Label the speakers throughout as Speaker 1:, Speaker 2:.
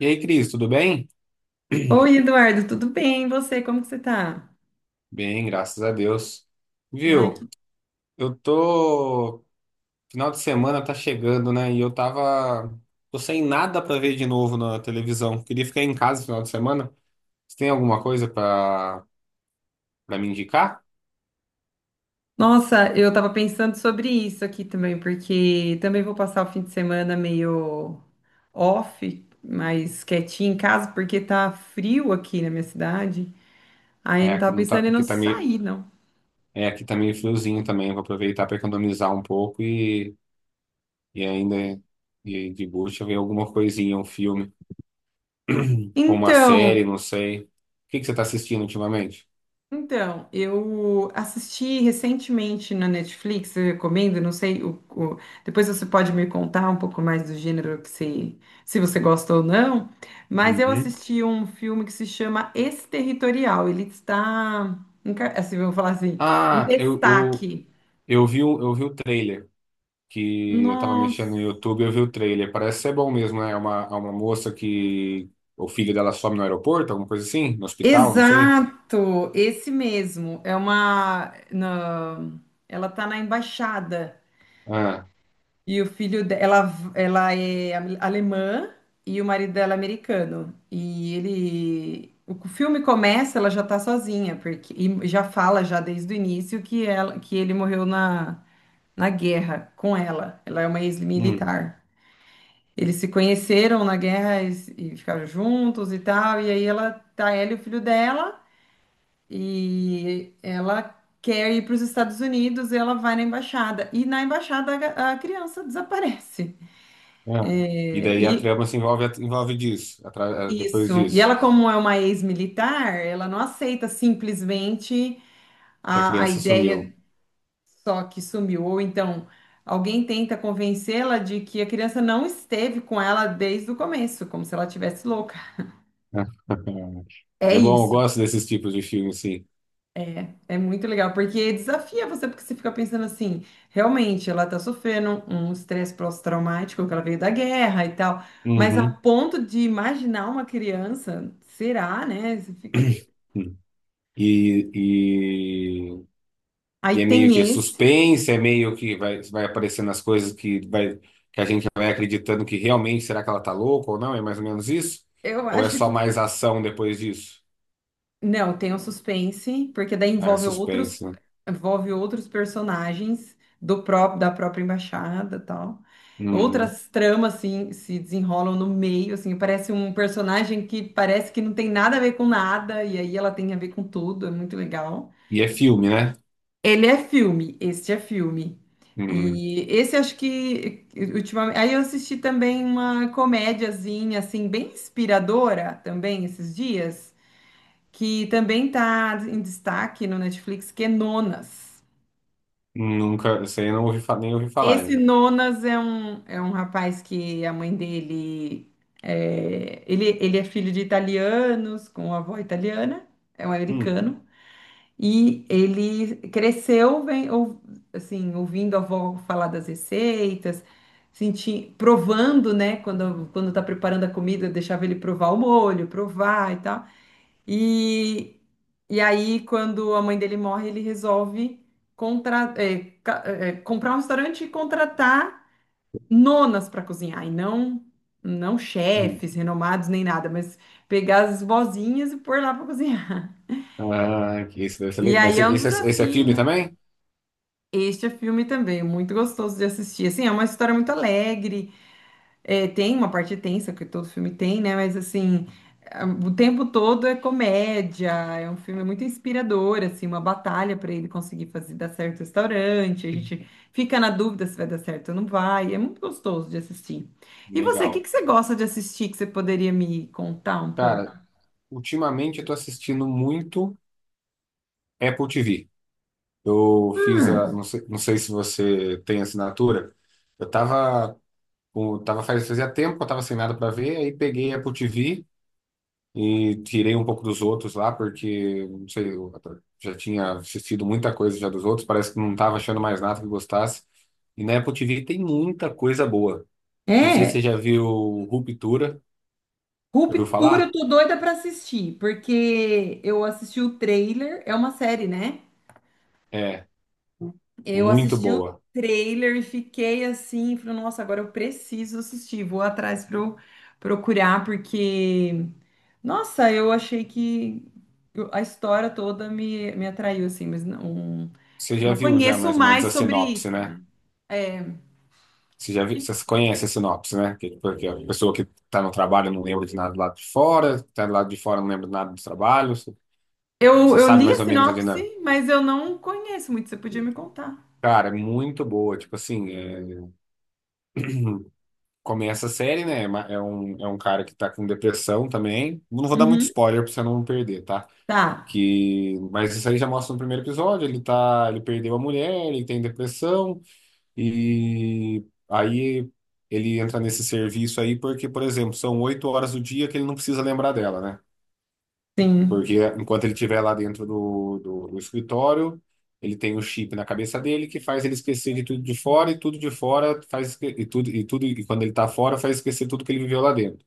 Speaker 1: E aí, Cris, tudo bem?
Speaker 2: Oi, Eduardo, tudo bem? E você, como que você tá?
Speaker 1: Bem, graças a Deus.
Speaker 2: Ai, que-
Speaker 1: Viu? Eu tô. Final de semana tá chegando, né? E eu tava. Tô sem nada pra ver de novo na televisão. Queria ficar em casa no final de semana. Você tem alguma coisa pra, pra me indicar?
Speaker 2: Nossa, eu tava pensando sobre isso aqui também, porque também vou passar o fim de semana meio off, mais quietinho em casa, porque tá frio aqui na minha cidade. Aí eu
Speaker 1: É,
Speaker 2: não
Speaker 1: aqui
Speaker 2: tava
Speaker 1: não tá.
Speaker 2: pensando em não
Speaker 1: Aqui tá meio.
Speaker 2: sair, não.
Speaker 1: É, aqui tá meio friozinho também. Vou aproveitar pra economizar um pouco e ainda. E de bucha ver alguma coisinha, um filme. Ou uma
Speaker 2: Então,
Speaker 1: série, não sei. O que que você tá assistindo ultimamente?
Speaker 2: Eu assisti recentemente na Netflix, eu recomendo, não sei, depois você pode me contar um pouco mais do gênero que se você gosta ou não, mas eu
Speaker 1: Uhum.
Speaker 2: assisti um filme que se chama Exterritorial. Ele está, assim, vamos falar assim, em
Speaker 1: Ah, eu
Speaker 2: destaque.
Speaker 1: eu vi, eu vi o trailer, que eu tava mexendo
Speaker 2: Nossa,
Speaker 1: no YouTube, eu vi o trailer. Parece ser bom mesmo, né? É uma moça que o filho dela some no aeroporto, alguma coisa assim, no hospital, não sei.
Speaker 2: exato, esse mesmo. Ela está na embaixada.
Speaker 1: Ah,
Speaker 2: E o filho dela, ela é alemã e o marido dela é americano. E ele, o filme começa, ela já tá sozinha, porque e já fala já desde o início que ele morreu na guerra com ela. Ela é uma
Speaker 1: hum,
Speaker 2: ex-militar. Eles se conheceram na guerra e, e ficaram juntos e tal. E aí ela e o filho dela e ela quer ir para os Estados Unidos e ela vai na embaixada. E na embaixada a criança desaparece.
Speaker 1: ah. E daí a trama
Speaker 2: E
Speaker 1: se envolve, envolve disso, depois
Speaker 2: isso. E
Speaker 1: disso,
Speaker 2: ela, como é uma ex-militar, ela não aceita simplesmente
Speaker 1: que a
Speaker 2: a
Speaker 1: criança sumiu.
Speaker 2: ideia só que sumiu. Ou então, alguém tenta convencê-la de que a criança não esteve com ela desde o começo, como se ela tivesse louca. É
Speaker 1: É bom, eu
Speaker 2: isso.
Speaker 1: gosto desses tipos de filme, sim.
Speaker 2: É muito legal, porque desafia você, porque você fica pensando assim, realmente, ela tá sofrendo um estresse pós-traumático, que ela veio da guerra e tal. Mas a
Speaker 1: Uhum.
Speaker 2: ponto de imaginar uma criança, será, né? Você fica meio.
Speaker 1: E,
Speaker 2: Aí
Speaker 1: e é meio
Speaker 2: tem
Speaker 1: que
Speaker 2: esse.
Speaker 1: suspense, é meio que vai aparecendo as coisas que, vai, que a gente vai acreditando que realmente será que ela tá louca ou não? É mais ou menos isso?
Speaker 2: Eu
Speaker 1: Ou é
Speaker 2: acho
Speaker 1: só
Speaker 2: que
Speaker 1: mais ação depois disso?
Speaker 2: não, tem um suspense, porque daí
Speaker 1: Ah, é
Speaker 2: envolve outros,
Speaker 1: suspense, né?
Speaker 2: personagens do próprio da própria embaixada, e tal.
Speaker 1: Hum.
Speaker 2: Outras tramas assim se desenrolam no meio, assim, parece um personagem que parece que não tem nada a ver com nada e aí ela tem a ver com tudo, é muito legal.
Speaker 1: E é filme, né?
Speaker 2: Ele é filme, este é filme.
Speaker 1: Hum.
Speaker 2: E esse acho que ultimamente, aí eu assisti também uma comédiazinha assim bem inspiradora também esses dias, que também está em destaque no Netflix, que é Nonas.
Speaker 1: Nunca, isso aí eu não ouvi, nem ouvi falar
Speaker 2: Esse
Speaker 1: ainda.
Speaker 2: Nonas é um rapaz que a mãe dele ele é filho de italianos, com avó italiana, é um
Speaker 1: Hum.
Speaker 2: americano, e ele cresceu assim, ouvindo a avó falar das receitas, provando, né, quando tá preparando a comida, eu deixava ele provar o molho, provar e tal. E, e aí, quando a mãe dele morre, ele resolve comprar um restaurante e contratar nonas para cozinhar, e não, não
Speaker 1: Hum.
Speaker 2: chefes renomados nem nada, mas pegar as vozinhas e pôr lá para cozinhar.
Speaker 1: Ah, que isso deve ser
Speaker 2: E
Speaker 1: legal.
Speaker 2: aí
Speaker 1: Mas
Speaker 2: é
Speaker 1: esse,
Speaker 2: um
Speaker 1: esse é esse é
Speaker 2: desafio,
Speaker 1: filme
Speaker 2: né?
Speaker 1: também?
Speaker 2: Este é filme também, muito gostoso de assistir. Assim, é uma história muito alegre. É, tem uma parte tensa, que todo filme tem, né? Mas assim, o tempo todo é comédia, é um filme muito inspirador, assim, uma batalha para ele conseguir fazer dar certo o restaurante. A gente fica na dúvida se vai dar certo ou não vai. É muito gostoso de assistir. E você, o que
Speaker 1: Legal.
Speaker 2: que você gosta de assistir que você poderia me contar um pouco?
Speaker 1: Cara, ultimamente eu tô assistindo muito Apple TV. Eu fiz a,
Speaker 2: Ah,
Speaker 1: não sei, não sei se você tem assinatura. Eu tava, tava fazia tempo eu tava sem nada para ver, aí peguei a Apple TV e tirei um pouco dos outros lá, porque, não sei, eu já tinha assistido muita coisa já dos outros, parece que não tava achando mais nada que gostasse. E na Apple TV tem muita coisa boa. Não sei se
Speaker 2: é.
Speaker 1: você já viu Ruptura, já ouviu
Speaker 2: Ruptura, eu
Speaker 1: falar?
Speaker 2: tô doida pra assistir, porque eu assisti o trailer, é uma série, né?
Speaker 1: É,
Speaker 2: Eu
Speaker 1: muito
Speaker 2: assisti o
Speaker 1: boa.
Speaker 2: trailer e fiquei assim, falei, nossa, agora eu preciso assistir, vou atrás para procurar, porque, nossa, eu achei que a história toda me atraiu, assim, mas não,
Speaker 1: Você já
Speaker 2: não
Speaker 1: viu já
Speaker 2: conheço
Speaker 1: mais ou menos
Speaker 2: mais
Speaker 1: a
Speaker 2: sobre
Speaker 1: sinopse,
Speaker 2: isso,
Speaker 1: né?
Speaker 2: né?
Speaker 1: Você já viu, você conhece a sinopse, né? Que, tipo, que a pessoa que está no trabalho não lembra de nada do lado de fora, está do lado de fora não lembra de nada do trabalho. Você
Speaker 2: Eu,
Speaker 1: você
Speaker 2: eu
Speaker 1: sabe
Speaker 2: li a
Speaker 1: mais ou menos a dinâmica.
Speaker 2: sinopse, mas eu não conheço muito, você podia me contar.
Speaker 1: Cara, é muito boa. Tipo assim, é, começa a série, né? É um cara que tá com depressão também. Não vou dar muito
Speaker 2: Uhum.
Speaker 1: spoiler pra você não perder, tá?
Speaker 2: Tá,
Speaker 1: Que, mas isso aí já mostra no primeiro episódio. Ele perdeu a mulher, ele tem depressão, e aí ele entra nesse serviço aí porque, por exemplo, são 8 horas do dia que ele não precisa lembrar dela, né?
Speaker 2: sim,
Speaker 1: Porque enquanto ele estiver lá dentro do escritório, ele tem o chip na cabeça dele que faz ele esquecer de tudo de fora e tudo de fora faz esque- e tudo e tudo e quando ele tá fora faz esquecer tudo que ele viveu lá dentro.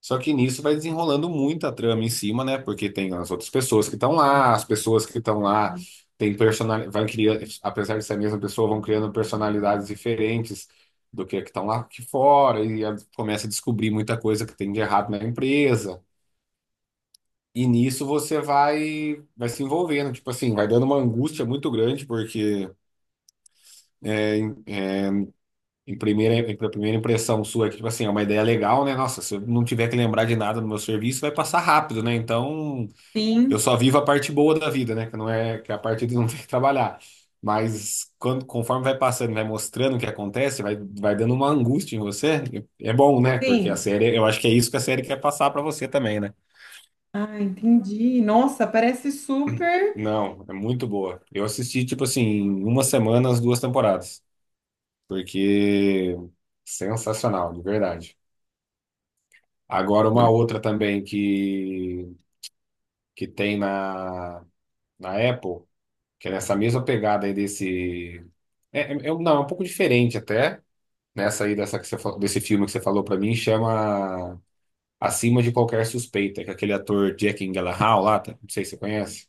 Speaker 1: Só que nisso vai desenrolando muita trama em cima, né? Porque tem as outras pessoas que estão lá, as pessoas que estão lá têm personalidade, vai criando, apesar de ser a mesma pessoa, vão criando personalidades diferentes do que a que estão lá aqui fora e começa a descobrir muita coisa que tem de errado na empresa. E nisso você vai, vai se envolvendo, tipo assim, vai dando uma angústia muito grande, porque é, em, a primeira impressão sua é que, tipo assim, é uma ideia legal, né? Nossa, se eu não tiver que lembrar de nada no meu serviço, vai passar rápido, né? Então, eu
Speaker 2: sim,
Speaker 1: só vivo a parte boa da vida, né? Que é a parte de não ter que trabalhar. Mas quando, conforme vai passando, vai mostrando o que acontece, vai, vai dando uma angústia em você, é bom, né? Porque a
Speaker 2: sim.
Speaker 1: série, eu acho que é isso que a série quer passar pra você também, né?
Speaker 2: Ah, entendi. Nossa, parece super.
Speaker 1: Não, é muito boa. Eu assisti, tipo assim, em uma semana as duas temporadas, porque sensacional, de verdade. Agora uma outra também que tem na, na Apple, que é nessa mesma pegada aí desse... não, é um pouco diferente até, nessa aí dessa que você, desse filme que você falou pra mim, chama Acima de Qualquer Suspeita, que é aquele ator Jack Gyllenhaal lá, tá? Não sei se você conhece.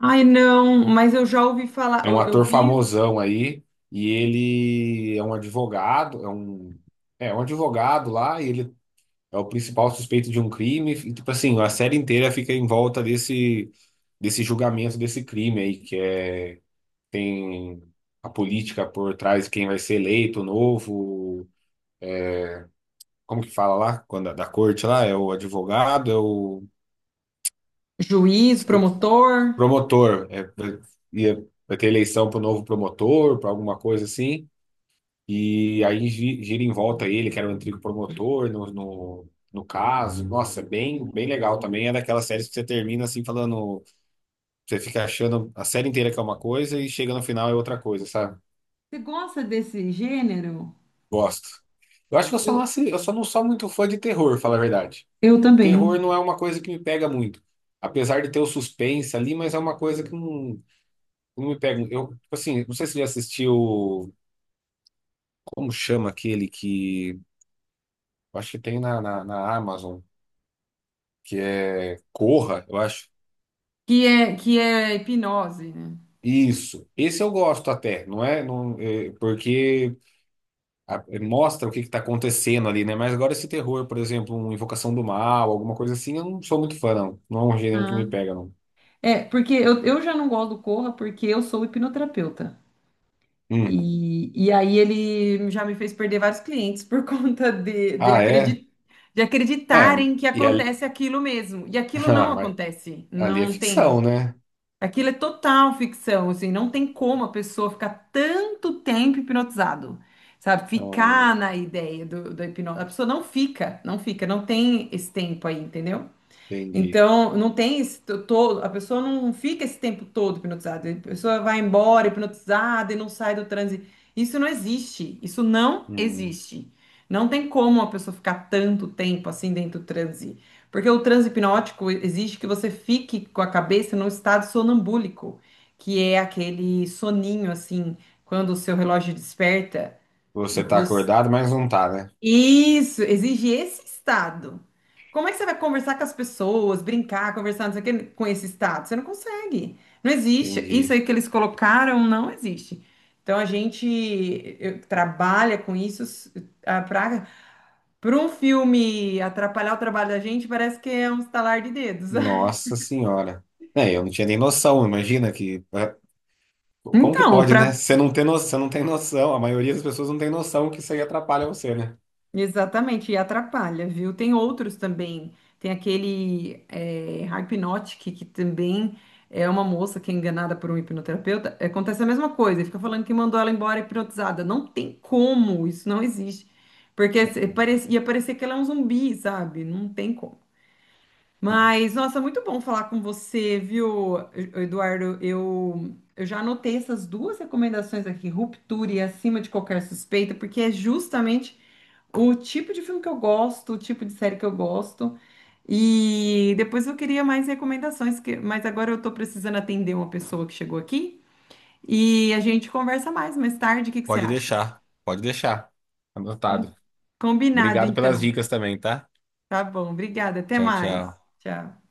Speaker 2: Ai, não, mas eu já ouvi falar,
Speaker 1: É um
Speaker 2: eu
Speaker 1: ator
Speaker 2: vi
Speaker 1: famosão aí, e ele é um advogado, é um advogado lá, e ele é o principal suspeito de um crime, e tipo assim, a série inteira fica em volta desse, desse julgamento desse crime aí, que é, tem a política por trás, quem vai ser eleito, o novo, como que fala lá, quando é da corte lá, é o advogado, é o
Speaker 2: juiz,
Speaker 1: esque-
Speaker 2: promotor.
Speaker 1: promotor, é, vai ter eleição para o novo promotor, para alguma coisa assim, e aí gira em volta ele, que era o antigo promotor no caso. Nossa, bem, bem legal também. É daquelas séries que você termina assim falando, você fica achando a série inteira que é uma coisa e chega no final é outra coisa, sabe?
Speaker 2: Você gosta desse gênero?
Speaker 1: Gosto. Eu acho que eu só não,
Speaker 2: Eu,
Speaker 1: eu só não sou muito fã de terror, falar a verdade.
Speaker 2: eu
Speaker 1: Terror
Speaker 2: também.
Speaker 1: não é uma coisa que me pega muito. Apesar de ter o suspense ali, mas é uma coisa que não, não me pega. Eu, tipo assim, não sei se você já assistiu, como chama aquele que, eu acho que tem na, na Amazon. Que é Corra, eu acho.
Speaker 2: Que é hipnose, né?
Speaker 1: Isso. Esse eu gosto até, não é? Não, é, porque é, mostra o que está acontecendo ali, né? Mas agora esse terror, por exemplo, uma Invocação do Mal, alguma coisa assim, eu não sou muito fã, não. Não é um gênero que
Speaker 2: Ah.
Speaker 1: me pega, não.
Speaker 2: É, porque eu já não gosto do Corra porque eu sou hipnoterapeuta.
Speaker 1: Hum.
Speaker 2: E aí ele já me fez perder vários clientes por conta
Speaker 1: Ah, é?
Speaker 2: de
Speaker 1: É,
Speaker 2: acreditarem que
Speaker 1: e ali,
Speaker 2: acontece aquilo mesmo. E aquilo não
Speaker 1: ah, mas
Speaker 2: acontece.
Speaker 1: ali é
Speaker 2: Não
Speaker 1: ficção,
Speaker 2: tem.
Speaker 1: né?
Speaker 2: Aquilo é total ficção, assim, não tem como a pessoa ficar tanto tempo hipnotizado, sabe?
Speaker 1: Então,
Speaker 2: Ficar na ideia da hipnose. A pessoa não fica, não fica, não tem esse tempo aí, entendeu?
Speaker 1: entendi.
Speaker 2: Então, não tem esse todo, a pessoa não fica esse tempo todo hipnotizada. A pessoa vai embora hipnotizada e não sai do transe. Isso não existe. Isso não
Speaker 1: Hum.
Speaker 2: existe. Não tem como a pessoa ficar tanto tempo assim dentro do transe. Porque o transe hipnótico exige que você fique com a cabeça num estado sonambúlico, que é aquele soninho assim, quando o seu relógio desperta e
Speaker 1: Você tá
Speaker 2: você
Speaker 1: acordado, mas não tá, né?
Speaker 2: isso, exige esse estado. Como é que você vai conversar com as pessoas, brincar, conversar, não sei o quê, com esse estado? Você não consegue. Não existe. Isso
Speaker 1: Entendi.
Speaker 2: aí que eles colocaram não existe. Então a gente trabalha com isso para para um filme atrapalhar o trabalho da gente, parece que é um estalar de dedos.
Speaker 1: Nossa Senhora. É, eu não tinha nem noção, imagina que. Ah, como que
Speaker 2: Então,
Speaker 1: pode, né?
Speaker 2: para
Speaker 1: Você não tem no... você não tem noção, a maioria das pessoas não tem noção que isso aí atrapalha você, né?
Speaker 2: Exatamente, e atrapalha, viu? Tem outros também. Tem aquele Hypnotic, que também é uma moça que é enganada por um hipnoterapeuta. Acontece a mesma coisa, ele fica falando que mandou ela embora hipnotizada. Não tem como, isso não existe. Porque ia parecer que ela é um zumbi, sabe? Não tem como. Mas, nossa, muito bom falar com você, viu, Eduardo? Eu já anotei essas duas recomendações aqui, Ruptura e Acima de Qualquer Suspeita, porque é justamente o tipo de filme que eu gosto, o tipo de série que eu gosto. E depois eu queria mais recomendações, mas agora eu tô precisando atender uma pessoa que chegou aqui e a gente conversa mais tarde. O que que você
Speaker 1: Pode
Speaker 2: acha?
Speaker 1: deixar, pode deixar.
Speaker 2: Então,
Speaker 1: Anotado.
Speaker 2: combinado
Speaker 1: Obrigado pelas
Speaker 2: então.
Speaker 1: dicas também, tá?
Speaker 2: Tá bom, obrigada. Até
Speaker 1: Tchau,
Speaker 2: mais.
Speaker 1: tchau.
Speaker 2: Tchau.